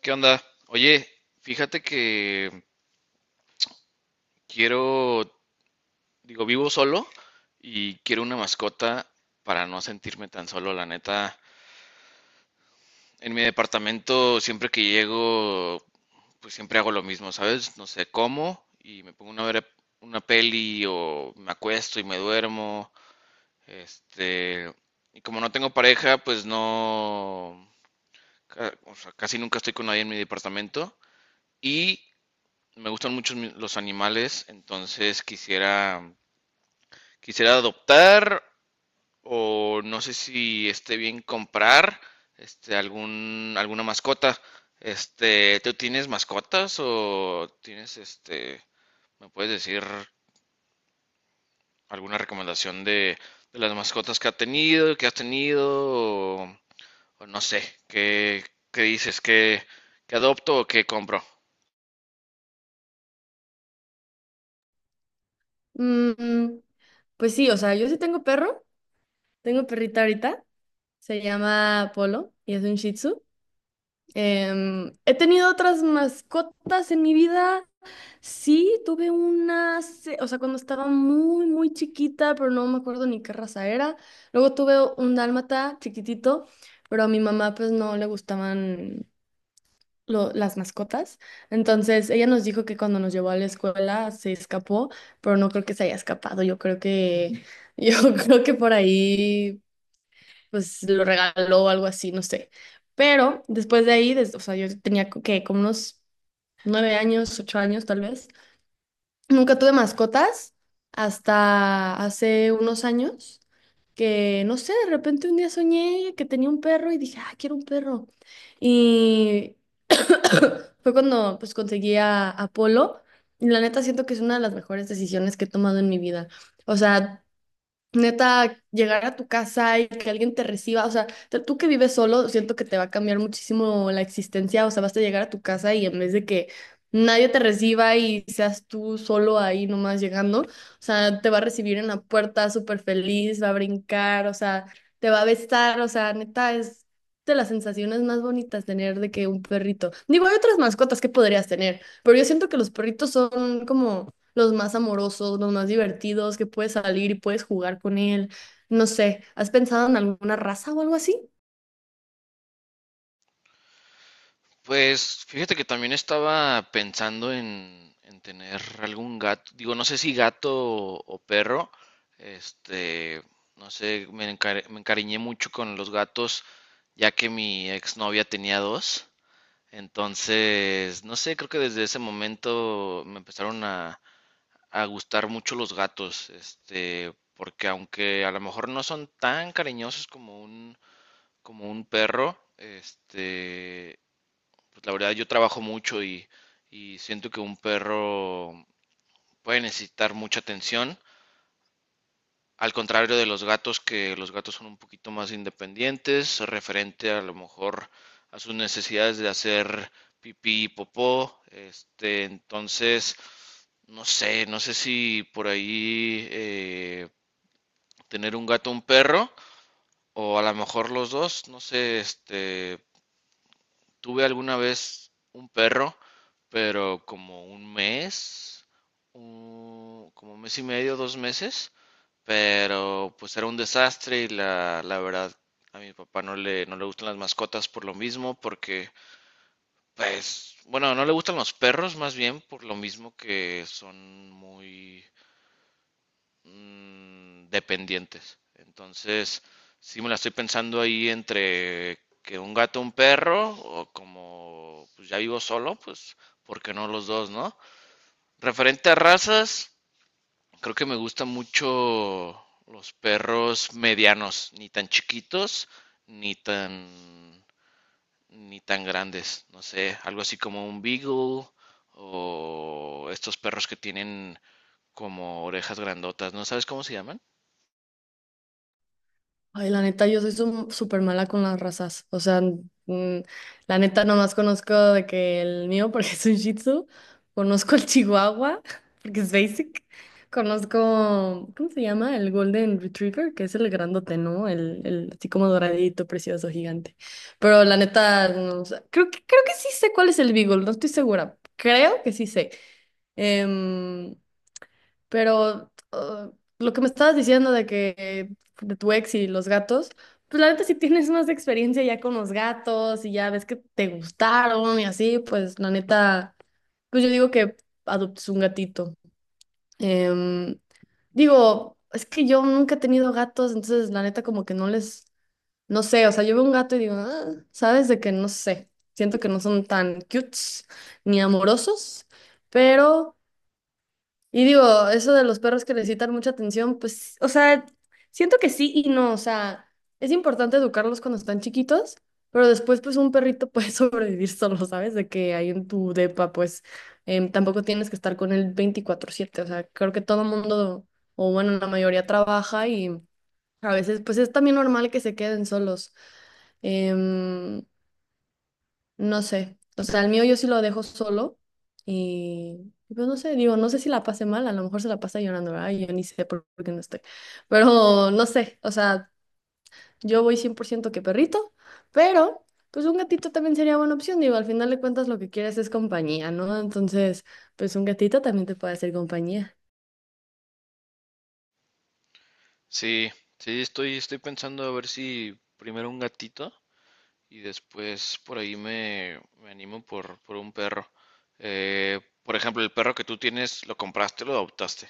¿Qué onda? Oye, fíjate que quiero, digo, vivo solo y quiero una mascota para no sentirme tan solo, la neta. En mi departamento, siempre que llego, pues siempre hago lo mismo, ¿sabes? No sé, como y me pongo una, una peli o me acuesto y me duermo. Este, y como no tengo pareja, pues no, o sea, casi nunca estoy con nadie en mi departamento. Y me gustan mucho los animales, entonces quisiera, quisiera adoptar o no sé si esté bien comprar algún, alguna mascota. ¿Tú tienes mascotas o tienes me puedes decir alguna recomendación de las mascotas que ha tenido, que has tenido o, o no sé, qué, qué dices, qué, qué adopto o qué compro? Mm, pues sí, o sea, yo sí tengo perro, tengo perrita ahorita, se llama Polo y es un Shih Tzu. He tenido otras mascotas en mi vida, sí, tuve una, o sea, cuando estaba muy, muy chiquita, pero no me acuerdo ni qué raza era. Luego tuve un dálmata chiquitito, pero a mi mamá pues no le gustaban las mascotas. Entonces, ella nos dijo que cuando nos llevó a la escuela se escapó, pero no creo que se haya escapado. Yo creo que, yo creo que por ahí, pues lo regaló o algo así, no sé. Pero después de ahí, o sea, yo tenía que como unos 9 años, 8 años tal vez. Nunca tuve mascotas hasta hace unos años, que no sé, de repente un día soñé que tenía un perro y dije, ah, quiero un perro. Y, fue cuando pues conseguí a Apolo. Y la neta siento que es una de las mejores decisiones que he tomado en mi vida. O sea, neta, llegar a tu casa y que alguien te reciba, o sea, tú que vives solo, siento que te va a cambiar muchísimo la existencia, o sea, vas a llegar a tu casa y en vez de que nadie te reciba y seas tú solo ahí nomás llegando, o sea, te va a recibir en la puerta súper feliz, va a brincar, o sea, te va a besar, o sea, neta, es de las sensaciones más bonitas tener de que un perrito. Digo, hay otras mascotas que podrías tener, pero yo siento que los perritos son como los más amorosos, los más divertidos, que puedes salir y puedes jugar con él. No sé, ¿has pensado en alguna raza o algo así? Pues fíjate que también estaba pensando en tener algún gato, digo, no sé si gato o perro, este, no sé, me, me encariñé mucho con los gatos ya que mi exnovia tenía dos, entonces, no sé, creo que desde ese momento me empezaron a gustar mucho los gatos, porque aunque a lo mejor no son tan cariñosos como un perro, pues la verdad yo trabajo mucho y siento que un perro puede necesitar mucha atención, al contrario de los gatos, que los gatos son un poquito más independientes, referente a lo mejor a sus necesidades de hacer pipí y popó, entonces, no sé, no sé si por ahí tener un gato o un perro, o a lo mejor los dos, no sé, tuve alguna vez un perro, pero como un mes, como un mes y medio, dos meses, pero pues era un desastre y la verdad a mi papá no le, no le gustan las mascotas por lo mismo, porque pues, bueno, no le gustan los perros más bien por lo mismo que son muy dependientes. Entonces, sí me la estoy pensando ahí entre que un gato, un perro, o como pues ya vivo solo, pues, ¿por qué no los dos, no? Referente a razas, creo que me gustan mucho los perros medianos, ni tan chiquitos, ni tan, ni tan grandes. No sé, algo así como un beagle o estos perros que tienen como orejas grandotas. ¿No sabes cómo se llaman? Ay, la neta, yo soy súper mala con las razas. O sea, mm, la neta, nomás conozco de que el mío, porque es un Shih Tzu. Conozco el Chihuahua, porque es basic. Conozco, ¿cómo se llama? El Golden Retriever, que es el grandote, ¿no? El así como doradito, precioso, gigante. Pero la neta, no, o sea, creo que sí sé cuál es el Beagle, no estoy segura. Creo que sí sé. Em, pero lo que me estabas diciendo de que de tu ex y los gatos, pues la neta si tienes más experiencia ya con los gatos y ya ves que te gustaron y así, pues la neta, pues yo digo que adoptes un gatito. Em, Digo, es que yo nunca he tenido gatos, entonces la neta como que no les, no sé, o sea, yo veo un gato y digo, "Ah", sabes de que no sé, siento que no son tan cutes ni amorosos, pero... Y digo, eso de los perros que necesitan mucha atención, pues, o sea, siento que sí y no, o sea, es importante educarlos cuando están chiquitos, pero después, pues, un perrito puede sobrevivir solo, ¿sabes? De que ahí en tu depa, pues, tampoco tienes que estar con él 24/7, o sea, creo que todo mundo, o bueno, la mayoría trabaja y a veces, pues, es también normal que se queden solos. Em, no sé, o sea, el mío yo sí lo dejo solo y pues no sé, digo, no sé si la pase mal, a lo mejor se la pasa llorando, ¿verdad? Yo ni sé por qué no estoy, pero no sé, o sea, yo voy 100% que perrito, pero pues un gatito también sería buena opción, digo, al final de cuentas lo que quieres es compañía, ¿no? Entonces, pues un gatito también te puede hacer compañía. Sí, sí, estoy, estoy pensando a ver si primero un gatito y después por ahí me, me animo por un perro. Por ejemplo, el perro que tú tienes, ¿lo compraste o lo adoptaste?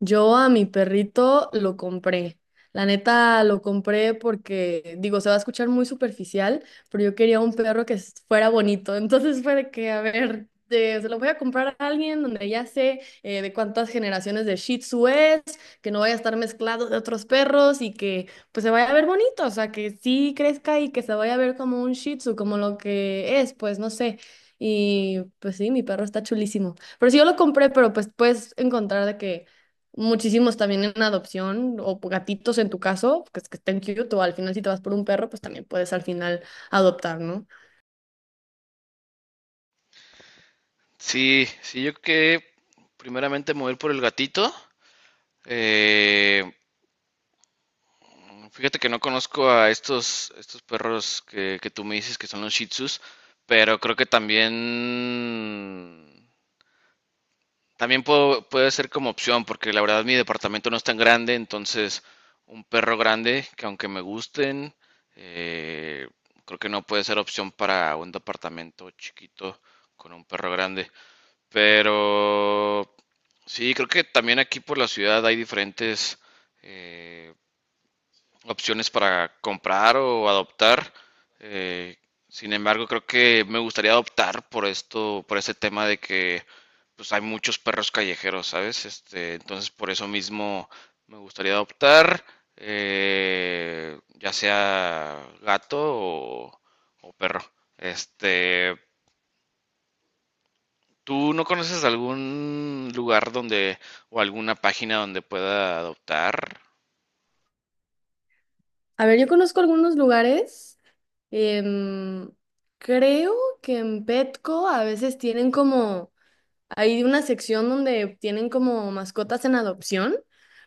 Yo a mi perrito lo compré. La neta lo compré porque, digo, se va a escuchar muy superficial, pero yo quería un perro que fuera bonito. Entonces fue de que, a ver, se lo voy a comprar a alguien donde ya sé, de cuántas generaciones de Shih Tzu es, que no vaya a estar mezclado de otros perros y que pues se vaya a ver bonito, o sea, que sí crezca y que se vaya a ver como un Shih Tzu, como lo que es, pues no sé. Y pues sí, mi perro está chulísimo. Pero sí, yo lo compré, pero pues puedes encontrar de que muchísimos también en adopción o gatitos en tu caso, que estén cute o al final si te vas por un perro, pues también puedes al final adoptar, ¿no? Sí, sí, yo creo que primeramente mover por el gatito. Eh, Fíjate que no conozco a estos, estos perros que tú me dices que son los Shih Tzus, pero creo que también también puede ser como opción, porque la verdad mi departamento no es tan grande, entonces un perro grande, que aunque me gusten, eh, creo que no puede ser opción para un departamento chiquito con un perro grande. Pero sí, creo que también aquí por la ciudad hay diferentes eh, opciones para comprar o adoptar. Eh, Sin embargo, creo que me gustaría adoptar por esto, por este tema de que pues hay muchos perros callejeros, ¿sabes? Entonces por eso mismo me gustaría adoptar, ya sea gato o perro. Este, ¿Tú no conoces algún lugar donde o alguna página donde pueda adoptar? A ver, yo conozco algunos lugares. em, Creo que en Petco a veces tienen como, hay una sección donde tienen como mascotas en adopción,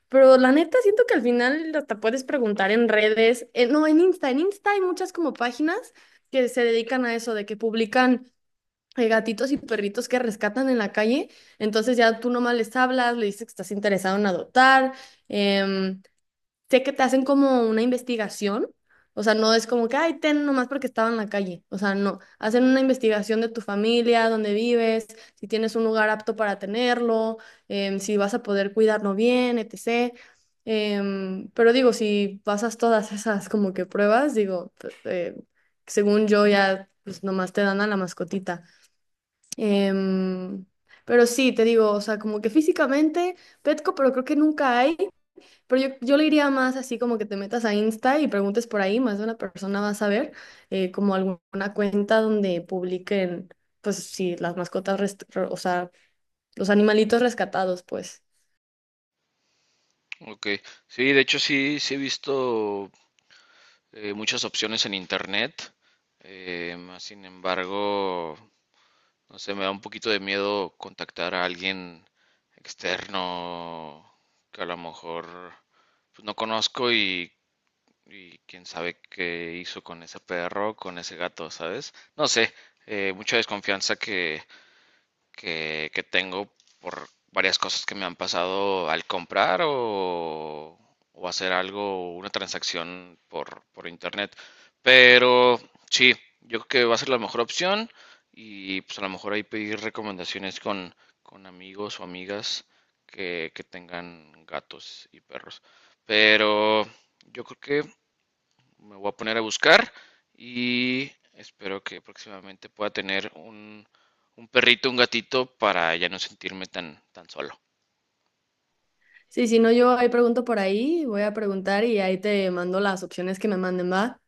pero la neta siento que al final hasta puedes preguntar en redes, no, en Insta hay muchas como páginas que se dedican a eso, de que publican hay gatitos y perritos que rescatan en la calle, entonces ya tú nomás les hablas, le dices que estás interesado en adoptar. em, Sé que te hacen como una investigación, o sea, no es como que, ay, ten nomás porque estaba en la calle, o sea, no, hacen una investigación de tu familia, dónde vives, si tienes un lugar apto para tenerlo, em, si vas a poder cuidarlo bien, etc. Pero digo, si pasas todas esas como que pruebas, digo, pues, según yo ya, pues nomás te dan a la mascotita. Em, pero sí, te digo, o sea, como que físicamente, Petco, pero creo que nunca hay. Pero yo le iría más así como que te metas a Insta y preguntes por ahí, más de una persona va a saber, como alguna cuenta donde publiquen, pues sí, las mascotas, o sea, los animalitos rescatados, pues. Ok, sí, de hecho sí, sí he visto muchas opciones en internet. Más sin embargo, no sé, me da un poquito de miedo contactar a alguien externo que a lo mejor pues, no conozco y quién sabe qué hizo con ese perro, con ese gato, ¿sabes? No sé, mucha desconfianza que tengo por varias cosas que me han pasado al comprar o hacer algo, una transacción por internet. Pero sí, yo creo que va a ser la mejor opción y pues a lo mejor ahí pedir recomendaciones con amigos o amigas que tengan gatos y perros. Pero yo creo que me voy a poner a buscar y espero que próximamente pueda tener un perrito, un gatito para ya no sentirme tan, tan solo. Sí, si no, yo ahí pregunto por ahí, voy a preguntar y ahí te mando las opciones que me manden, ¿va?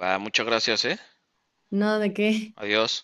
Va, muchas gracias, ¿eh? Nada de qué. Adiós.